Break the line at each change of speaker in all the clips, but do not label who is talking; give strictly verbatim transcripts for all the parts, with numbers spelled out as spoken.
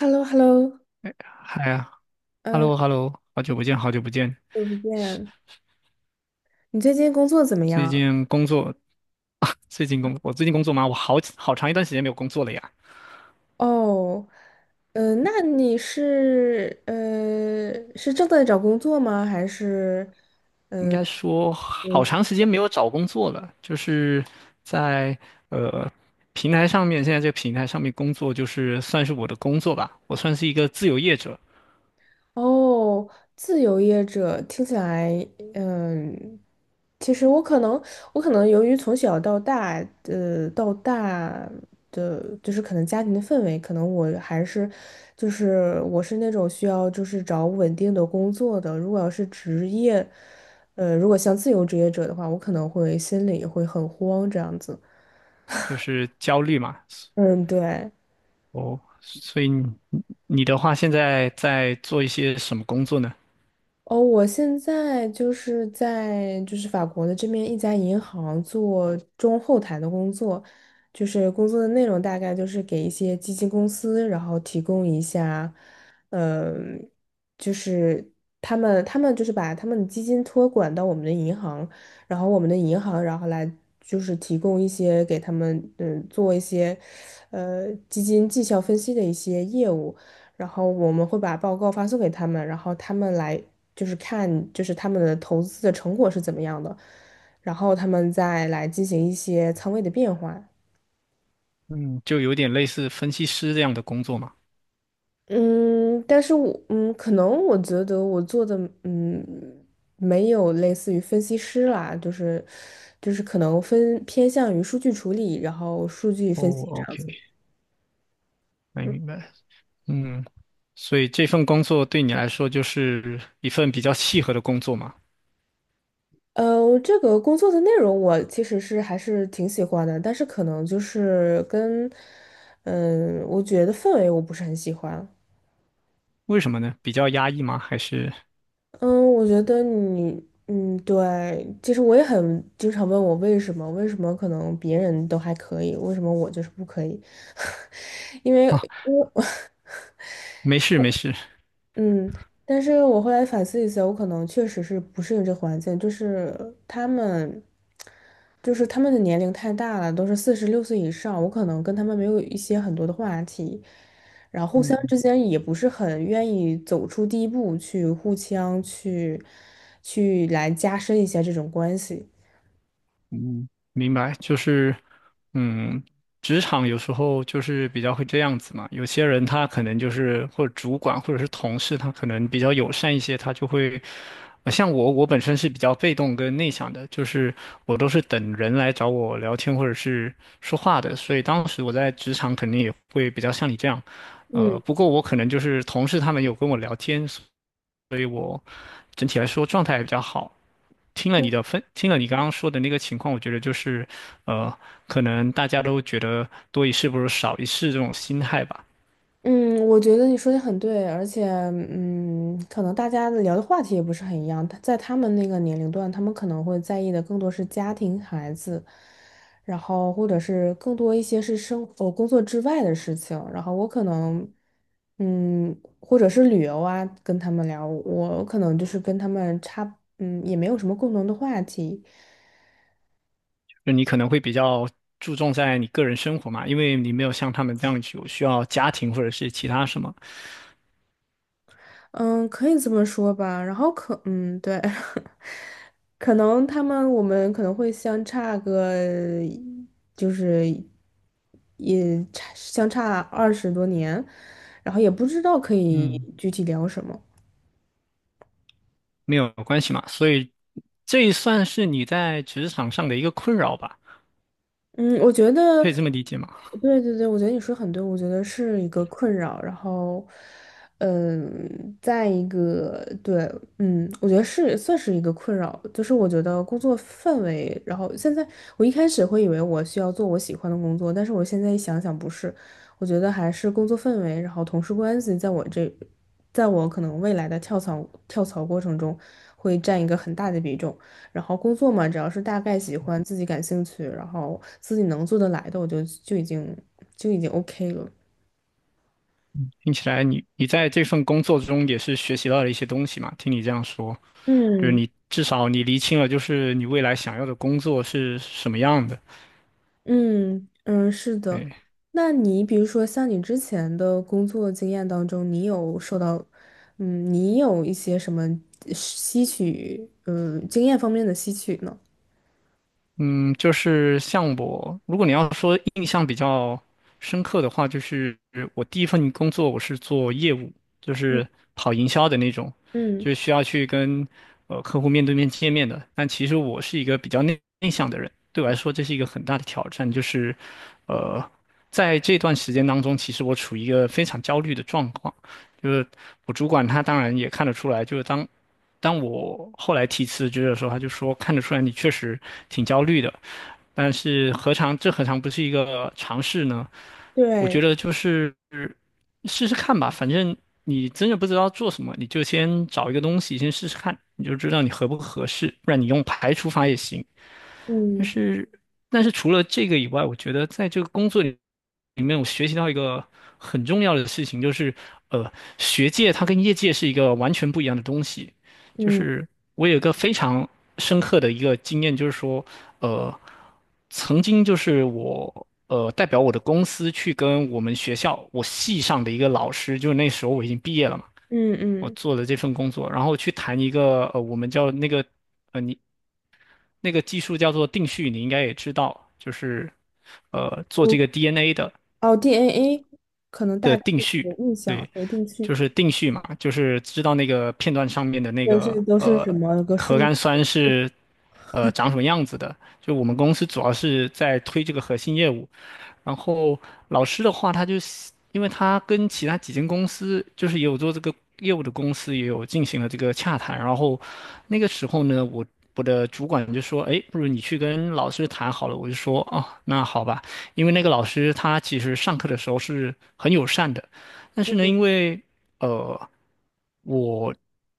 h e l l o h e l l o。
嗨呀
嗯，
，hello，hello，好久不见，好久不见。
久不见。你最近工作怎么
最
样？
近工作，啊最近工，我最近工作忙，我好好长一段时间没有工作了呀。
哦。呃，那你是呃是正在找工作吗？还是？
应该说，好长时间没有找工作了，就是在平台上面，现在这个平台上面工作，就是算是我的工作吧。我算是一个自由业者，
哦，自由业者听起来。嗯，其实我可能，我可能由于从小到大，呃，到大的就是可能家庭的氛围，可能我还是，就是我是那种需要就是找稳定的工作的。如果要是职业，呃，如果像自由职业者的话，我可能会心里会很慌这样子。
就是焦虑嘛。
嗯，对。
哦，所以你你的话，现在在做一些什么工作呢？
哦，我现在就是在就是法国的这边一家银行做中后台的工作，就是工作的内容大概就是给一些基金公司，然后提供一下，嗯，就是他们他们就是把他们的基金托管到我们的银行，然后我们的银行然后来就是提供一些给他们嗯做一些，呃基金绩效分析的一些业务。然后我们会把报告发送给他们，然后他们来就是看就是他们的投资的成果是怎么样的，然后他们再来进行一些仓位的变化。
嗯，就有点类似分析师这样的工作嘛。
嗯，但是我嗯，可能我觉得我做的嗯，没有类似于分析师啦，就是就是可能分偏向于数据处理，然后数据
哦
分析这样
，OK，
子。
没明白。嗯，所以这份工作对你来说就是一份比较契合的工作嘛？
呃，这个工作的内容我其实是还是挺喜欢的，但是可能就是跟，嗯，我觉得氛围我不是很喜欢。
为什么呢？比较压抑吗？还是
嗯，我觉得你，嗯，对，其实我也很经常问我为什么，为什么可能别人都还可以，为什么我就是不可以？因为，
啊，
因为
没事没事，
嗯，但是我后来反思一下，我可能确实是不适应这环境，就是他们，就是他们的年龄太大了，都是四十六岁以上，我可能跟他们没有一些很多的话题，然后互相之间也不是很愿意走出第一步去互相去去来加深一下这种关系。
嗯，明白，就是，嗯，职场有时候就是比较会这样子嘛。有些人他可能就是，或者主管或者是同事，他可能比较友善一些，他就会，呃像我，我本身是比较被动跟内向的，就是我都是等人来找我聊天或者是说话的，所以当时我在职场肯定也会比较像你这样，呃，
嗯。
不过我可能就是同事他们有跟我聊天，整体来说状态也比较好。听了你的分，听了你刚刚说的那个情况，我觉得就是，呃，可能大家都觉得多一事不如少一事这种心态吧。
嗯，我觉得你说的很对，而且，嗯，可能大家聊的话题也不是很一样。他在他们那个年龄段，他们可能会在意的更多是家庭、孩子，然后或者是更多一些是生活、工作之外的事情。然后我可能，嗯，或者是旅游啊，跟他们聊，我可能就是跟他们差，嗯，也没有什么共同的话题。
就你可能会比较注重在你个人生活嘛，因为你没有像他们这样有需要家庭或者是其他什么，
嗯，可以这么说吧。然后可，嗯，对。可能他们我们可能会相差个，就是也差相差二十多年，然后也不知道可以
嗯
具体聊什么。
没有关系嘛。所以这也算是你在职场上的一个困扰吧，
嗯，我觉得，
可以这么理解吗？
对对对，我觉得你说得很对，我觉得是一个困扰。然后，嗯，再一个，对，嗯，我觉得是算是一个困扰，就是我觉得工作氛围。然后现在我一开始会以为我需要做我喜欢的工作，但是我现在一想想不是，我觉得还是工作氛围，然后同事关系，在我这，在我可能未来的跳槽跳槽过程中会占一个很大的比重。然后工作嘛，只要是大概喜欢、自己感兴趣，然后自己能做得来的，我就就已经就已经 OK 了。
听起来你你在这份工作中也是学习到了一些东西嘛，听你这样说。就是
嗯
你至少你厘清了，就是你未来想要的工作是什么样的。
嗯嗯，是的。
对，
那你比如说像你之前的工作经验当中，你有受到，嗯，你有一些什么呃吸取，嗯，经验方面的吸取呢？
嗯，就是像我，如果你要说印象比较深刻的话，就是我第一份工作我是做业务，就
嗯
是跑营销的那种，
嗯，
就是需要去跟呃客户面对面见面的。但其实我是一个比较内内向的人，对我来说这是一个很大的挑战，就是呃。在这段时间当中，其实我处于一个非常焦虑的状况，就是我主管他当然也看得出来，就是当当我后来提辞职的时候，他就说看得出来你确实挺焦虑的，但是何尝这何尝不是一个尝试呢？我觉
对，
得就是试试看吧，反正你真的不知道做什么，你就先找一个东西先试试看，你就知道你合不合适，不然你用排除法也行。但
嗯
是，但是除了这个以外，我觉得在这个工作里里面，我学习到一个很重要的事情，就是呃，学界它跟业界是一个完全不一样的东西。就
嗯
是我有一个非常深刻的一个经验，就是说，呃，曾经就是我呃代表我的公司去跟我们学校我系上的一个老师，就是那时候我已经毕业了嘛，
嗯
我
嗯，
做了这份工作，然后去谈一个呃我们叫那个那个技术叫做定序，你应该也知道，就是呃做
我
这个 D N A 的。
哦，D N A 可能
的
大概
定序，
有印象，
对，
回定去。
就是定序嘛，就是知道那个片段上面的那
就
个
是都是什
呃
么个
核
顺？
苷酸是呃长什么样子的。就我们公司主要是在推这个核心业务，然后老师的话，他就是因为他跟其他几间公司，就是也有做这个业务的公司也有进行了这个洽谈，然后那个时候呢，我我的主管就说，哎，不如你去跟老师谈好了，我就说，哦，那好吧。因为那个老师他其实上课的时候是很友善的，但是呢，因为呃我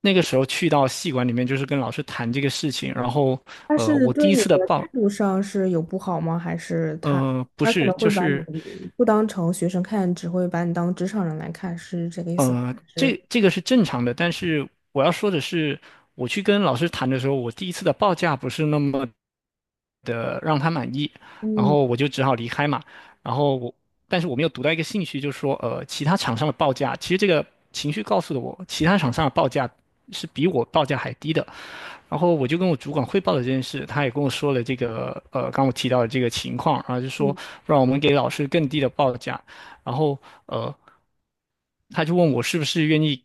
那个时候去到系馆里面，就是跟老师谈这个事情，然后
他
呃
是
我第
对
一
你
次的
的
报
态度上是有不好吗？还是他
呃不
他可
是
能
就
会把你
是
不当成学生看，只会把你当职场人来看，是这个意思吗？
呃
还是
这这个是正常的，但是我要说的是，我去跟老师谈的时候，我第一次的报价不是那么的让他满意，然
嗯
后我就只好离开嘛。然后我，但是我没有读到一个信息，就是说，呃，其他厂商的报价，其实这个情绪告诉了我，其他厂商的报价是比我报价还低的。然后我就跟我主管汇报了这件事，他也跟我说了这个，呃，刚我提到的这个情况，然后就说，
嗯，
让我们给老师更低的报价。然后呃，他就问我是不是愿意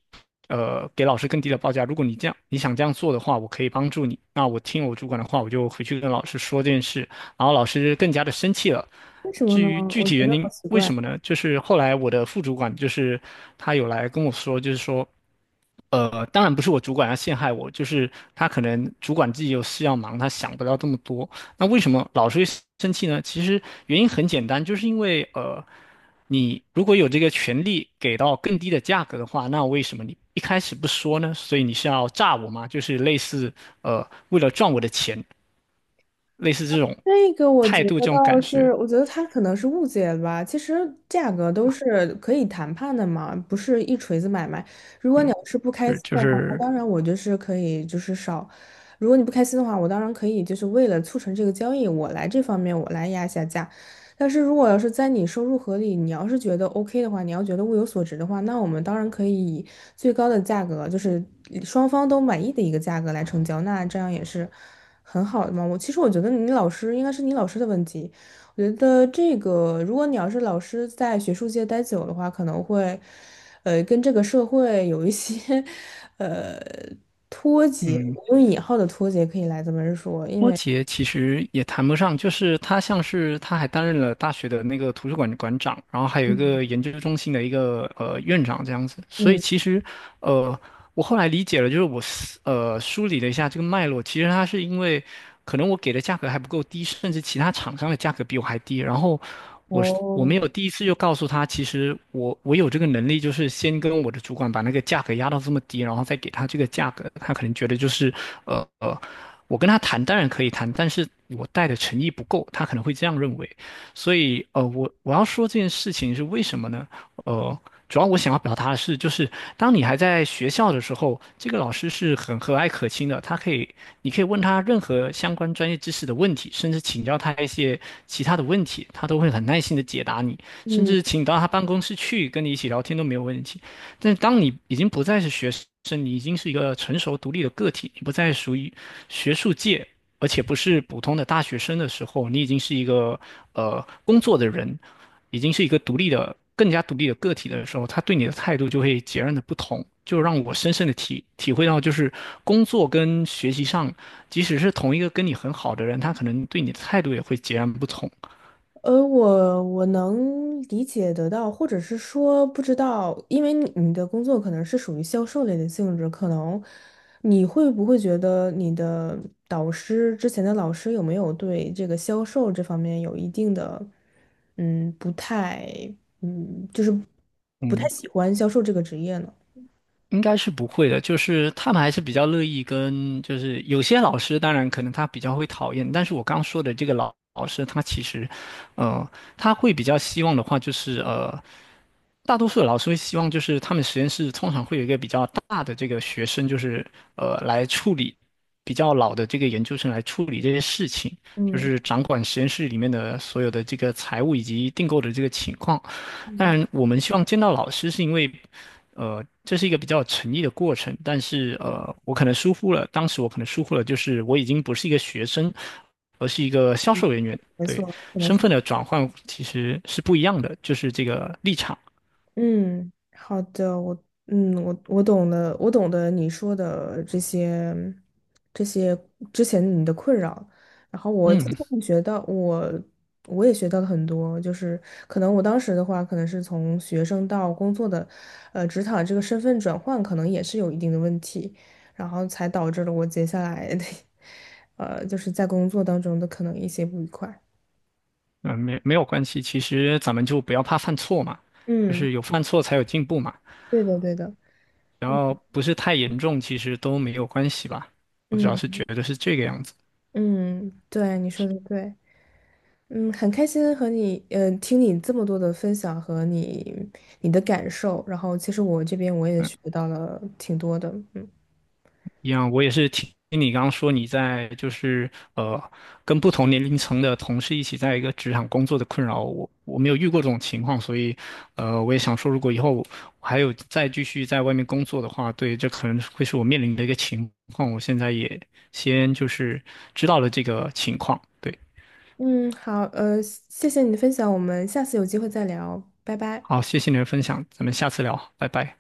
呃给老师更低的报价。如果你这样你想这样做的话，我可以帮助你。那我听我主管的话，我就回去跟老师说这件事，然后老师更加的生气了。
为什么
至
呢？
于具
我觉
体原
得好
因，
奇
为
怪。
什么呢？就是后来我的副主管就是他有来跟我说，就是说。呃，当然不是我主管要陷害我，就是他可能主管自己有事要忙，他想不到这么多。那为什么老是会生气呢？其实原因很简单，就是因为呃，你如果有这个权利给到更低的价格的话，那为什么你一开始不说呢？所以你是要诈我吗？就是类似呃，为了赚我的钱，类似这种
这个我觉
态度，这
得
种感
倒是，
觉，
我觉得他可能是误解了吧。其实价格都是可以谈判的嘛，不是一锤子买卖。如果你
嗯，
要是不开
是
心
就
的话，那
是
当然我就是可以就是少。如果你不开心的话，我当然可以就是为了促成这个交易，我来这方面我来压一下价。但是如果要是在你收入合理，你要是觉得 OK 的话，你要觉得物有所值的话，那我们当然可以以最高的价格，就是双方都满意的一个价格来成交，那这样也是很好的嘛。我其实我觉得你老师应该是你老师的问题，我觉得这个如果你要是老师在学术界待久的话，可能会呃跟这个社会有一些 呃脱节，
嗯。
我用引号的脱节可以来这么说，因
波
为
杰其实也谈不上，就是他像是他还担任了大学的那个图书馆馆长，然后还有一个研究中心的一个呃院长这样子。所以
嗯。
其实，呃，我后来理解了，就是我思呃梳理了一下这个脉络，其实他是因为可能我给的价格还不够低，甚至其他厂商的价格比我还低，然后我是我没
哦，
有第一次就告诉他，其实我我有这个能力，就是先跟我的主管把那个价格压到这么低，然后再给他这个价格，他可能觉得就是呃呃，我跟他谈当然可以谈，但是我带的诚意不够，他可能会这样认为。所以呃，我我要说这件事情是为什么呢？呃，主要我想要表达的是，就是当你还在学校的时候，这个老师是很和蔼可亲的，他可以，你可以问他任何相关专业知识的问题，甚至请教他一些其他的问题，他都会很耐心的解答你，甚
嗯。
至请你到他办公室去跟你一起聊天都没有问题。但当你已经不再是学生，你已经是一个成熟独立的个体，你不再属于学术界，而且不是普通的大学生的时候，你已经是一个呃工作的人，已经是一个独立的、更加独立的个体的时候，他对你的态度就会截然的不同。就让我深深的体体会到，就是工作跟学习上，即使是同一个跟你很好的人，他可能对你的态度也会截然不同。
呃，我我能理解得到，或者是说不知道，因为你你的工作可能是属于销售类的性质，可能你会不会觉得你的导师之前的老师有没有对这个销售这方面有一定的，嗯，不太，嗯，就是不太
嗯。
喜欢销售这个职业呢？
应该是不会的，就是他们还是比较乐意跟，就是有些老师，当然可能他比较会讨厌，但是我刚说的这个老老师，他其实，呃，他会比较希望的话，就是呃，大多数的老师会希望，就是他们实验室通常会有一个比较大的这个学生，就是呃，来处理比较老的这个研究生来处理这些事情，就
嗯
是掌管实验室里面的所有的这个财务以及订购的这个情况。当
嗯。
然，我们希望见到老师，是因为，呃，这是一个比较有诚意的过程。但是，呃，我可能疏忽了，当时我可能疏忽了，就是我已经不是一个学生，而是一个销售人员。
没
对，
错，可能
身
是。
份的转换其实是不一样的，就是这个立场。
嗯，好的，我嗯，我我懂了，我懂得你说的这些这些之前你的困扰，然后我今
嗯，
天学到我我也学到了很多，就是可能我当时的话，可能是从学生到工作的，呃，职场这个身份转换，可能也是有一定的问题，然后才导致了我接下来的，呃，就是在工作当中的可能一些不愉快。
呃，没没有关系，其实咱们就不要怕犯错嘛，就
嗯，
是有犯错才有进步嘛。
对的，对的，
然后不是太严重，其实都没有关系吧。我主要是
嗯
觉得是这个样子。
嗯，对，你说的对。嗯，很开心和你，呃，听你这么多的分享和你你的感受，然后其实我这边我也学
嗯
到了挺多的，嗯
一样，我也是听听你刚刚说你在就是呃跟不同年龄层的同事一起在一个职场工作的困扰，我我没有遇过这种情况，所以呃我也想说，如果以后我还有再继续在外面工作的话，对，这可能会是我面临的一个情况，我现在也先就是知道了这个情况，对，
嗯，好，呃，谢谢你的分享，我们下次有机会再聊，拜拜。
好，谢谢你的分享，咱们下次聊，拜拜。